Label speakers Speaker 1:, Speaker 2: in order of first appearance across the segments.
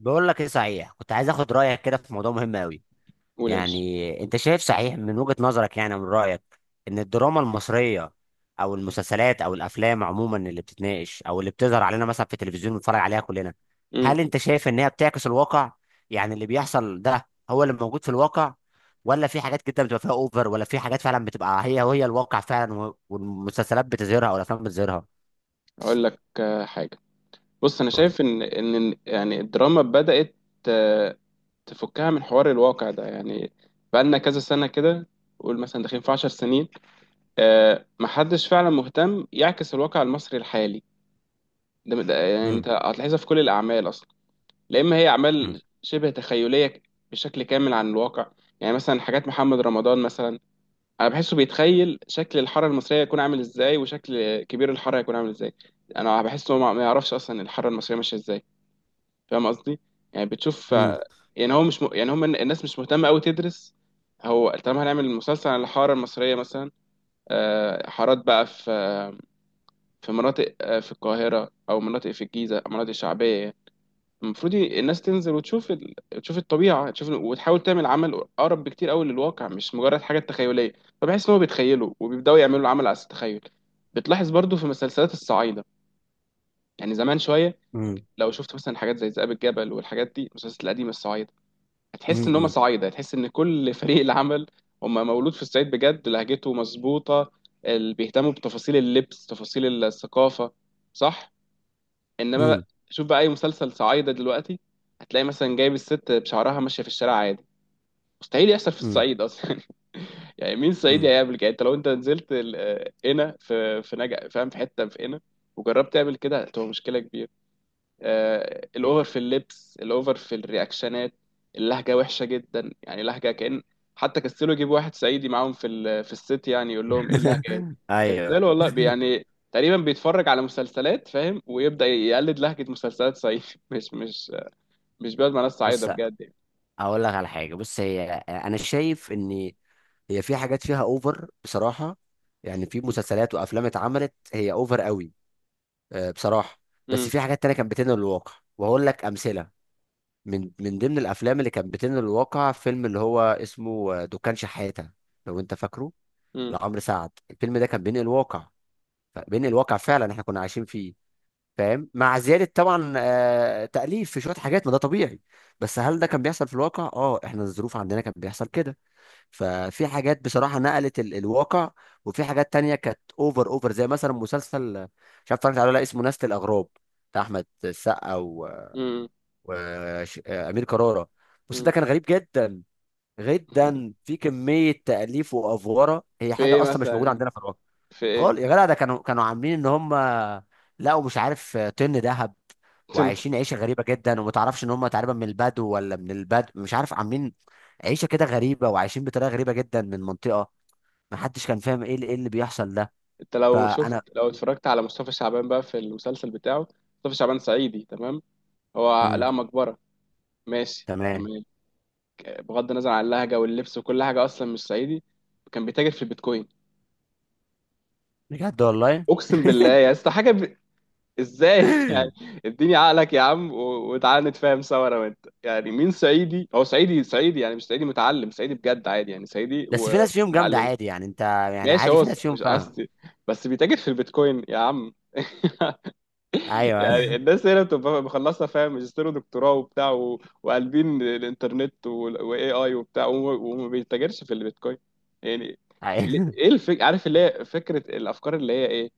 Speaker 1: بقول لك ايه صحيح، كنت عايز اخد رايك كده في موضوع مهم قوي.
Speaker 2: قول يا باشا.
Speaker 1: يعني انت شايف صحيح من وجهة نظرك، يعني من رايك ان الدراما المصريه او المسلسلات او الافلام عموما اللي بتتناقش او اللي بتظهر علينا مثلا في التلفزيون بنتفرج عليها كلنا،
Speaker 2: امم
Speaker 1: هل انت شايف ان هي بتعكس الواقع؟ يعني اللي بيحصل ده هو اللي موجود في الواقع، ولا في حاجات كده بتبقى فيها اوفر، ولا في حاجات فعلا بتبقى هي وهي الواقع فعلا والمسلسلات بتظهرها او الافلام بتظهرها.
Speaker 2: اقول لك حاجه. بص، انا
Speaker 1: قول.
Speaker 2: شايف ان ان إن يعني الدراما بدات آه، تفكها من حوار الواقع ده يعني. بقالنا كذا سنه كده، قول مثلا داخلين في 10 سنين. محدش فعلا مهتم يعكس الواقع المصري الحالي. يعني
Speaker 1: امم.
Speaker 2: انت هتلاحظها في كل الاعمال اصلا، لا اما هي
Speaker 1: امم.
Speaker 2: اعمال شبه تخيليه بشكل كامل عن الواقع. يعني مثلا حاجات محمد رمضان مثلا، انا بحسه بيتخيل شكل الحاره المصريه يكون عامل ازاي، وشكل كبير الحاره يكون عامل ازاي. انا بحس انه ما يعرفش اصلا الحاره المصريه ماشيه ازاي. فاهم قصدي؟ يعني بتشوف، يعني هو مش م... يعني هم الناس مش مهتمه قوي تدرس. هو طالما هنعمل مسلسل عن الحاره المصريه مثلا، حارات بقى في مناطق، في القاهره او مناطق في الجيزه، مناطق شعبيه، المفروض الناس تنزل تشوف الطبيعة، تشوف وتحاول تعمل عمل أقرب بكتير أوي للواقع، مش مجرد حاجة تخيلية. فبحس إن هو بيتخيلوا وبيبدأوا يعملوا العمل على أساس التخيل. بتلاحظ برضو في مسلسلات الصعايدة، يعني زمان شوية،
Speaker 1: امم.
Speaker 2: لو شفت مثلا حاجات زي ذئاب الجبل والحاجات دي، المسلسلات القديمة الصعايدة، هتحس إن هما
Speaker 1: امم.
Speaker 2: صعايدة، هتحس إن كل فريق العمل هما مولود في الصعيد بجد، لهجته مظبوطة، اللي بيهتموا بتفاصيل اللبس، تفاصيل الثقافة، صح؟ انما
Speaker 1: امم.
Speaker 2: بقى شوف بقى اي مسلسل صعايده دلوقتي، هتلاقي مثلا جايب الست بشعرها ماشيه في الشارع عادي، مستحيل يحصل في الصعيد اصلا. يعني مين صعيدي
Speaker 1: امم.
Speaker 2: هيقابلك؟ يعني انت لو انت نزلت هنا في نجا، فاهم، في حته في هنا، وجربت تعمل كده هتبقى مشكله كبيره. الاوفر في اللبس، الاوفر في الرياكشنات، اللهجه وحشه جدا، يعني لهجه كأن. حتى كسلوا يجيبوا واحد صعيدي معاهم في في الست، يعني يقول لهم ايه اللهجه دي.
Speaker 1: ايوه.
Speaker 2: كسلوا والله، يعني تقريبا بيتفرج على مسلسلات، فاهم، ويبدأ يقلد لهجه مسلسلات صعيدي. مش مش مش بيقعد مع ناس صعيده
Speaker 1: بص،
Speaker 2: بجد يعني.
Speaker 1: اقول لك على حاجه. بص، هي انا شايف ان هي في حاجات فيها اوفر بصراحه، يعني في مسلسلات وافلام اتعملت هي اوفر قوي، بصراحه. بس
Speaker 2: مم،
Speaker 1: في حاجات تانية كانت بتنقل الواقع، وهقول لك امثله. من ضمن الافلام اللي كانت بتنقل الواقع، فيلم اللي هو اسمه دكان شحاته، لو انت فاكره،
Speaker 2: مم،
Speaker 1: لعمرو سعد. الفيلم ده كان بينقل الواقع، بينقل الواقع فعلا، احنا كنا عايشين فيه، فاهم؟ مع زيادة طبعا تأليف في شوية حاجات، ما ده طبيعي. بس هل ده كان بيحصل في الواقع؟ اه، احنا الظروف عندنا كان بيحصل كده. ففي حاجات بصراحة نقلت الواقع، وفي حاجات تانية كانت اوفر اوفر، زي مثلا مسلسل مش عارف اتفرجت عليه ولا لا، اسمه نسل الأغراب، بتاع أحمد السقا
Speaker 2: مم،
Speaker 1: وأمير كرارة. بس
Speaker 2: مم.
Speaker 1: ده كان غريب جدا، جدا في كمية تأليف وأفوارة، هي
Speaker 2: في
Speaker 1: حاجة
Speaker 2: ايه
Speaker 1: أصلا مش موجودة
Speaker 2: مثلا،
Speaker 1: عندنا في الواقع.
Speaker 2: في
Speaker 1: خال
Speaker 2: ايه؟
Speaker 1: يا جدع، ده كانوا عاملين ان هم لقوا مش عارف طن ذهب، وعايشين عيشه غريبه جدا، وما تعرفش ان هم تقريبا من البدو ولا من البدو مش عارف، عاملين عيشه كده غريبه، وعايشين بطريقه غريبه جدا من منطقه، ما حدش كان فاهم ايه اللي بيحصل ده.
Speaker 2: انت لو شفت،
Speaker 1: فانا.
Speaker 2: لو اتفرجت على مصطفى شعبان بقى في المسلسل بتاعه، مصطفى شعبان صعيدي تمام، هو
Speaker 1: امم.
Speaker 2: لقى مقبره، ماشي
Speaker 1: تمام.
Speaker 2: تمام، بغض النظر عن اللهجه واللبس وكل حاجه، اصلا مش صعيدي. كان بيتاجر في البيتكوين،
Speaker 1: بجد والله.
Speaker 2: اقسم بالله يا اسطى. ازاي يعني؟ اديني عقلك يا عم، وتعالى نتفاهم سوا انا وانت. يعني مين صعيدي؟ هو صعيدي صعيدي، يعني مش صعيدي متعلم، صعيدي بجد عادي، يعني صعيدي
Speaker 1: بس في ناس فيهم جامده
Speaker 2: ومتعلم.
Speaker 1: عادي، يعني انت، يعني
Speaker 2: ماشي،
Speaker 1: عادي، في ناس فيهم،
Speaker 2: مش
Speaker 1: فاهم.
Speaker 2: قصدي، بس بيتاجر في البيتكوين يا عم.
Speaker 1: ايوه
Speaker 2: يعني
Speaker 1: ايوه
Speaker 2: الناس هنا بتبقى مخلصه، فاهم، ماجستير ودكتوراه وبتاع وقالبين الانترنت والاي اي وبتاع، وما بيتاجرش في البيتكوين يعني.
Speaker 1: ايوه.
Speaker 2: عارف اللي هي فكره الافكار اللي هي ايه.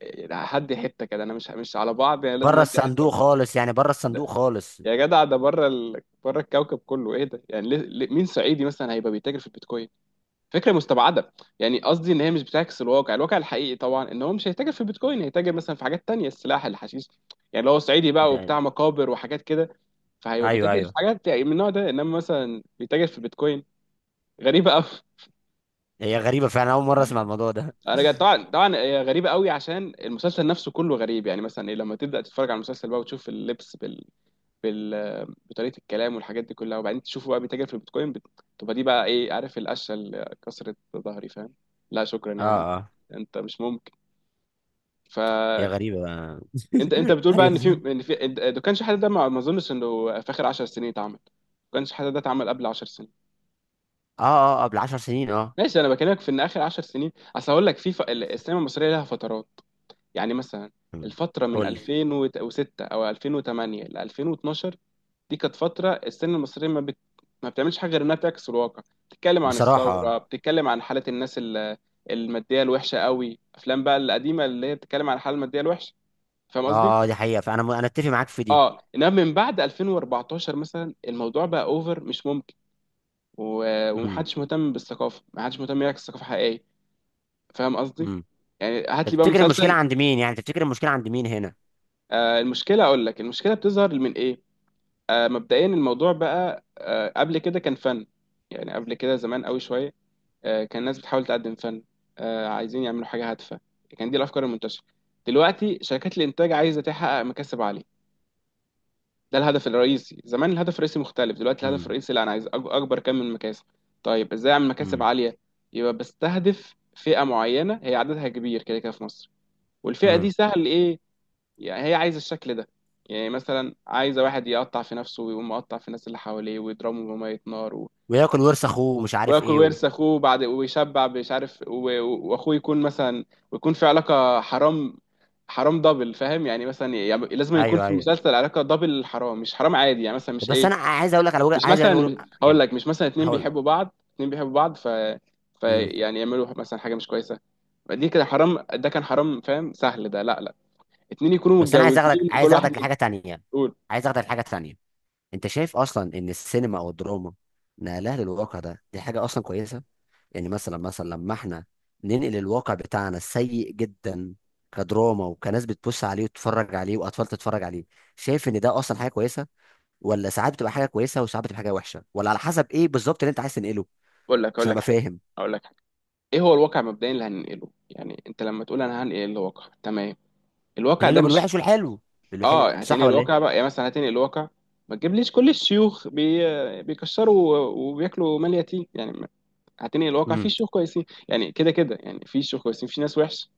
Speaker 2: يعني هدي حته كده، انا مش على بعض، يعني لازم
Speaker 1: بره
Speaker 2: ادي
Speaker 1: الصندوق
Speaker 2: حته.
Speaker 1: خالص، يعني بره الصندوق
Speaker 2: ده.
Speaker 1: خالص
Speaker 2: يا جدع، ده بره الكوكب كله، ايه ده يعني مين صعيدي مثلا هيبقى بيتاجر في البيتكوين؟ فكره مستبعده. يعني قصدي ان هي مش بتعكس الواقع، الواقع الحقيقي طبعا ان هو مش هيتاجر في البيتكوين، هيتاجر مثلا في حاجات تانية، السلاح، الحشيش، يعني لو هو صعيدي بقى
Speaker 1: ده.
Speaker 2: وبتاع مقابر وحاجات كده، فهيبقى
Speaker 1: ايوه
Speaker 2: بيتاجر في
Speaker 1: ايوه.
Speaker 2: حاجات يعني من النوع ده، انما مثلا بيتاجر في البيتكوين، غريبه قوي.
Speaker 1: هي غريبه فعلا، اول مره اسمع الموضوع ده.
Speaker 2: طبعا هي غريبه قوي عشان المسلسل نفسه كله غريب. يعني مثلا إيه، لما تبدا تتفرج على المسلسل بقى وتشوف بطريقه الكلام والحاجات دي كلها، وبعدين تشوفه بقى بيتاجر في البيتكوين، تبقى دي بقى ايه؟ عارف، القشه اللي كسرت ظهري، فاهم؟ لا شكرا
Speaker 1: اه
Speaker 2: يا عم،
Speaker 1: اه.
Speaker 2: انت مش مهم.
Speaker 1: هي
Speaker 2: فانت
Speaker 1: غريبة،
Speaker 2: انت بتقول بقى ان
Speaker 1: غريبة.
Speaker 2: في ده كانش حد، ده ما اظنش انه في اخر 10 سنين اتعمل، ما كانش حد ده اتعمل قبل 10 سنين.
Speaker 1: اه اه، قبل عشر سنين، اه.
Speaker 2: ماشي، انا بكلمك في ان اخر 10 سنين. اصل هقول لك في السينما المصريه لها فترات، يعني مثلا
Speaker 1: أمم.
Speaker 2: الفتره من
Speaker 1: قول لي.
Speaker 2: 2006 او 2008 ل 2012، دي كانت فتره السينما المصريه ما بتعملش حاجه غير انها بتعكس الواقع، بتتكلم عن
Speaker 1: بصراحة اه.
Speaker 2: الثوره، بتتكلم عن حاله الناس الماديه الوحشه قوي. افلام بقى القديمه اللي هي بتتكلم عن الحاله الماديه الوحشه، فاهم قصدي.
Speaker 1: اه دي حقيقة، فأنا أنا أتفق معاك في دي.
Speaker 2: اه، انما من بعد 2014 مثلا الموضوع بقى اوفر مش ممكن.
Speaker 1: امم.
Speaker 2: ومحدش مهتم بالثقافه، محدش مهتم يعكس ثقافه حقيقيه، فاهم قصدي.
Speaker 1: امم.
Speaker 2: يعني هات
Speaker 1: طب
Speaker 2: لي بقى
Speaker 1: تفتكر المشكلة
Speaker 2: مسلسل.
Speaker 1: عند مين، يعني تفتكر المشكلة عند مين هنا؟
Speaker 2: آه، المشكله، اقول لك المشكله بتظهر من ايه. آه، مبدئيا الموضوع بقى، آه، قبل كده كان فن، يعني قبل كده زمان قوي شويه، آه، كان الناس بتحاول تقدم فن، آه، عايزين يعملوا حاجه هادفه، كان دي الافكار المنتشره. دلوقتي شركات الانتاج عايزه تحقق مكاسب عاليه، ده الهدف الرئيسي. زمان الهدف الرئيسي مختلف، دلوقتي الهدف
Speaker 1: امم.
Speaker 2: الرئيسي لا، انا عايز اكبر كم من المكاسب. طيب ازاي اعمل مكاسب
Speaker 1: امم.
Speaker 2: عاليه؟ يبقى بستهدف فئه معينه هي عددها كبير كده كده في مصر، والفئه
Speaker 1: امم.
Speaker 2: دي سهل ايه، يعني هي عايزه الشكل ده. يعني مثلا عايزه واحد يقطع في نفسه ويقوم مقطع في الناس اللي حواليه ويضربه بميه نار
Speaker 1: وياكل ورث أخوه ومش عارف
Speaker 2: وياكل
Speaker 1: إيه
Speaker 2: ورث اخوه بعد ويشبع مش عارف واخوه يكون مثلا، ويكون في علاقه حرام، حرام دبل، فاهم يعني؟ مثلا يعني لازم يكون
Speaker 1: أيوه
Speaker 2: في
Speaker 1: أيوه.
Speaker 2: المسلسل علاقه دبل حرام، مش حرام عادي يعني، مثلا مش
Speaker 1: بس
Speaker 2: ايه،
Speaker 1: أنا عايز أقول لك على وجه،
Speaker 2: مش
Speaker 1: عايز أقول.
Speaker 2: مثلا هقول
Speaker 1: يعني.
Speaker 2: لك، مش مثلا اتنين
Speaker 1: هقول لك.
Speaker 2: بيحبوا بعض، اتنين بيحبوا بعض ف،
Speaker 1: امم.
Speaker 2: فيعني يعملوا مثلا حاجه مش كويسه، دي كده حرام، ده كان حرام فاهم، سهل، ده لا لا، اتنين يكونوا
Speaker 1: بس أنا عايز أخدك،
Speaker 2: متجوزين وكل
Speaker 1: عايز
Speaker 2: واحد
Speaker 1: أخدك لحاجة تانية،
Speaker 2: يقول.
Speaker 1: عايز أخدك لحاجة تانية. أنت شايف أصلا إن السينما أو الدراما نقلها للواقع ده، دي حاجة أصلا كويسة؟ يعني مثلا، مثلا لما احنا ننقل الواقع بتاعنا السيء جدا كدراما، وكناس بتبص عليه وتتفرج عليه واطفال تتفرج عليه، شايف ان ده اصلا حاجه كويسه؟ ولا ساعات بتبقى حاجه كويسه وساعات بتبقى حاجه وحشه، ولا على حسب ايه بالظبط اللي انت عايز تنقله؟
Speaker 2: اقول لك اقول
Speaker 1: عشان
Speaker 2: لك
Speaker 1: ابقى
Speaker 2: حاجه،
Speaker 1: فاهم.
Speaker 2: اقول لك حاجه. ايه هو الواقع مبدئيا اللي هننقله؟ يعني انت لما تقول انا هنقل الواقع، تمام، الواقع
Speaker 1: تنقله
Speaker 2: ده مش،
Speaker 1: بالوحش والحلو، بالوحش،
Speaker 2: اه هتنقل
Speaker 1: صح ولا
Speaker 2: الواقع
Speaker 1: ايه؟
Speaker 2: بقى. يعني مثلا هتنقل الواقع، ما تجيبليش كل الشيوخ بيكشروا وبياكلوا مال يتيم، يعني هتنقل الواقع،
Speaker 1: امم.
Speaker 2: في شيوخ كويسين يعني، كده كده يعني في شيوخ كويسين، في ناس وحش.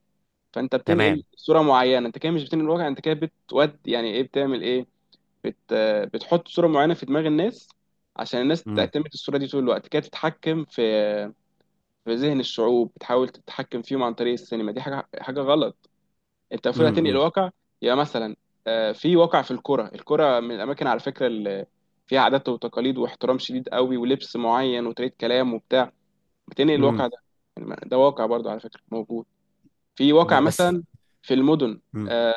Speaker 2: فانت بتنقل
Speaker 1: تمام.
Speaker 2: صوره معينه، انت كده مش بتنقل الواقع، انت كده بتود يعني ايه، بتعمل ايه، بت بتحط صوره معينه في دماغ الناس، عشان الناس
Speaker 1: امم.
Speaker 2: تعتمد الصوره دي طول الوقت كده، تتحكم في ذهن الشعوب، بتحاول تتحكم فيهم عن طريق السينما، دي حاجه غلط. انت المفروض هتنقل
Speaker 1: امم.
Speaker 2: الواقع، يبقى مثلا، في واقع في الكره من الاماكن على فكره، اللي فيها عادات وتقاليد واحترام شديد قوي ولبس معين وطريقه كلام وبتاع، بتنقل الواقع
Speaker 1: امم.
Speaker 2: ده. يعني ده واقع برضه على فكره موجود. في واقع
Speaker 1: ما بس.
Speaker 2: مثلا في المدن،
Speaker 1: امم.
Speaker 2: آه،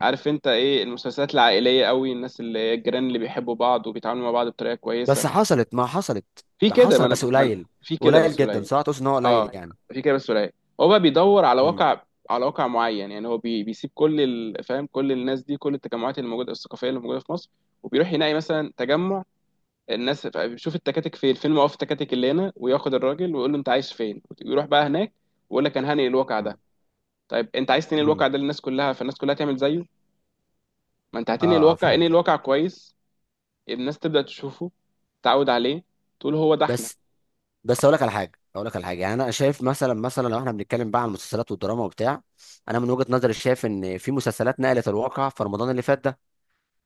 Speaker 2: عارف انت ايه، المسلسلات العائليه قوي، الناس اللي الجيران اللي بيحبوا بعض وبيتعاملوا مع بعض بطريقه كويسه.
Speaker 1: بس حصلت ما حصلت،
Speaker 2: في كده، ما
Speaker 1: حصل بس
Speaker 2: انا ما أنا-
Speaker 1: قليل.
Speaker 2: في كده
Speaker 1: قليل
Speaker 2: بس
Speaker 1: جدا،
Speaker 2: قليل.
Speaker 1: صح؟ تقصد ان هو قليل
Speaker 2: اه،
Speaker 1: يعني.
Speaker 2: في كده بس قليل. هو بقى بيدور على
Speaker 1: امم.
Speaker 2: واقع، على واقع معين. يعني هو بيسيب كل فاهم، كل الناس دي، كل التجمعات اللي موجوده الثقافيه اللي موجوده في مصر، وبيروح يلاقي مثلا تجمع الناس، بيشوف التكاتك فين، موقف التكاتك اللي هنا، وياخد الراجل ويقول له انت عايش فين ويروح بقى هناك، ويقول لك انا هنقل الواقع ده. طيب انت عايز تنقل الواقع
Speaker 1: امم.
Speaker 2: ده للناس كلها، فالناس كلها تعمل زيه. ما انت هتنقل
Speaker 1: اه
Speaker 2: الواقع،
Speaker 1: فهمت.
Speaker 2: انقل الواقع كويس، الناس تبدأ تشوفه، تعود عليه، تقول هو ده احنا.
Speaker 1: بس، بس اقول لك على حاجه، اقول لك على حاجه، يعني انا شايف مثلا، مثلا لو احنا بنتكلم بقى عن المسلسلات والدراما وبتاع، انا من وجهه نظري شايف ان في مسلسلات نقلت الواقع في رمضان اللي فات ده،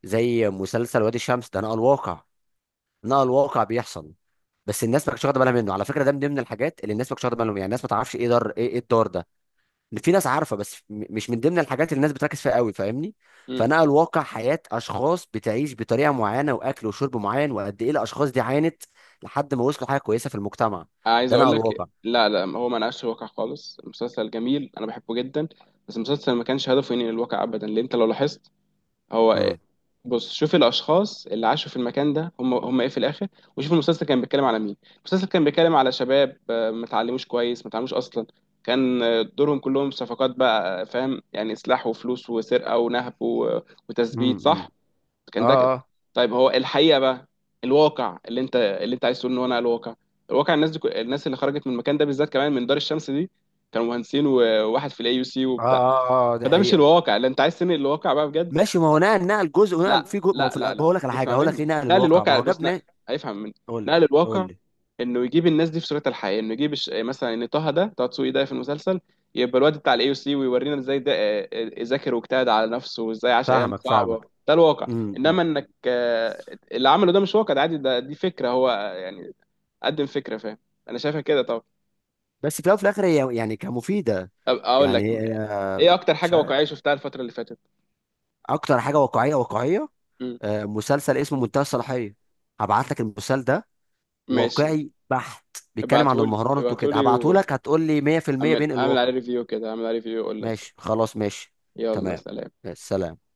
Speaker 1: زي مسلسل وادي الشمس، ده نقل الواقع، نقل الواقع بيحصل. بس الناس ما كانتش واخده بالها منه، على فكره، ده من ضمن الحاجات اللي الناس ما كانتش واخده بالها منه، يعني الناس ما تعرفش ايه دار، ايه إيه الدار ده، في ناس عارفه بس مش من ضمن الحاجات اللي الناس بتركز فيها قوي، فاهمني.
Speaker 2: مم.
Speaker 1: فنقل واقع حياه اشخاص بتعيش بطريقه معينه، واكل وشرب معين، وقد ايه الاشخاص دي عانت لحد ما وصلوا حاجه كويسه في المجتمع.
Speaker 2: عايز
Speaker 1: ده
Speaker 2: اقول
Speaker 1: نقل
Speaker 2: لك،
Speaker 1: واقع.
Speaker 2: لا لا، هو ما نقاش الواقع خالص. المسلسل جميل، انا بحبه جدا، بس المسلسل ما كانش هدفه ينقل الواقع ابدا. لان انت لو لاحظت هو
Speaker 1: امم.
Speaker 2: بص، شوف الاشخاص اللي عاشوا في المكان ده، هم ايه في الاخر. وشوف المسلسل كان بيتكلم على مين، المسلسل كان بيتكلم على شباب، ما اتعلموش كويس، ما اتعلموش اصلا، كان دورهم كلهم صفقات بقى، فاهم يعني، سلاح وفلوس وسرقة ونهب
Speaker 1: امم.
Speaker 2: وتثبيت
Speaker 1: امم.
Speaker 2: صح،
Speaker 1: اه
Speaker 2: كان ده كده.
Speaker 1: اه
Speaker 2: طيب هو الحقيقه بقى، الواقع اللي انت عايز تقول ان هو انا الواقع، الواقع الناس دي، الناس اللي خرجت من المكان ده بالذات، كمان من دار الشمس دي، كانوا مهندسين وواحد في الاي يو سي
Speaker 1: اه.
Speaker 2: وبتاع.
Speaker 1: اه اه، دي
Speaker 2: فده مش
Speaker 1: حقيقة.
Speaker 2: الواقع اللي انت عايز، تنقل الواقع بقى بجد.
Speaker 1: ماشي، ما هو نقل جزء، ونقل
Speaker 2: لا
Speaker 1: في جزء، ما هو
Speaker 2: لا
Speaker 1: في
Speaker 2: لا لا
Speaker 1: بقول لك على حاجة،
Speaker 2: اسمع
Speaker 1: هقول لك ليه
Speaker 2: مني،
Speaker 1: نقل
Speaker 2: نقل
Speaker 1: الواقع ما
Speaker 2: الواقع،
Speaker 1: هو
Speaker 2: بص، نقل،
Speaker 1: جابنا.
Speaker 2: هيفهم مني.
Speaker 1: قول لي
Speaker 2: نقل
Speaker 1: قول
Speaker 2: الواقع
Speaker 1: لي.
Speaker 2: انه يجيب الناس دي في صورتها الحقيقيه، انه يجيب مثلا ان طه، ده طه دسوقي ده في المسلسل، يبقى الواد بتاع الاي يو سي، ويورينا ازاي ده ذاكر واجتهد على نفسه وازاي عاش ايام
Speaker 1: فاهمك فاهمك.
Speaker 2: صعبه، ده الواقع.
Speaker 1: امم.
Speaker 2: انما
Speaker 1: أمم.
Speaker 2: انك، اللي عمله ده مش واقع، ده عادي، ده دي فكره، هو يعني قدم فكره، فاهم، انا شايفها كده طبعا.
Speaker 1: بس في الأول وفي الآخر، هي يعني كمفيدة.
Speaker 2: اقول
Speaker 1: يعني
Speaker 2: لك ايه اكتر
Speaker 1: مش
Speaker 2: حاجه
Speaker 1: عارف.
Speaker 2: واقعيه شفتها الفتره اللي فاتت.
Speaker 1: أكتر حاجة واقعية، واقعية،
Speaker 2: مم.
Speaker 1: مسلسل اسمه منتهى الصلاحية، هبعت لك المسلسل ده،
Speaker 2: ماشي،
Speaker 1: واقعي بحت، بيتكلم عن
Speaker 2: ابعتهولي
Speaker 1: المهارات وكده،
Speaker 2: ابعتهولي
Speaker 1: هبعته لك، هتقول لي 100% بين
Speaker 2: واعمل، اعمل
Speaker 1: الواقع.
Speaker 2: عليه ريفيو كده، اعمل عليه ريفيو اقول لك.
Speaker 1: ماشي، خلاص ماشي.
Speaker 2: يلا
Speaker 1: تمام.
Speaker 2: سلام.
Speaker 1: سلام.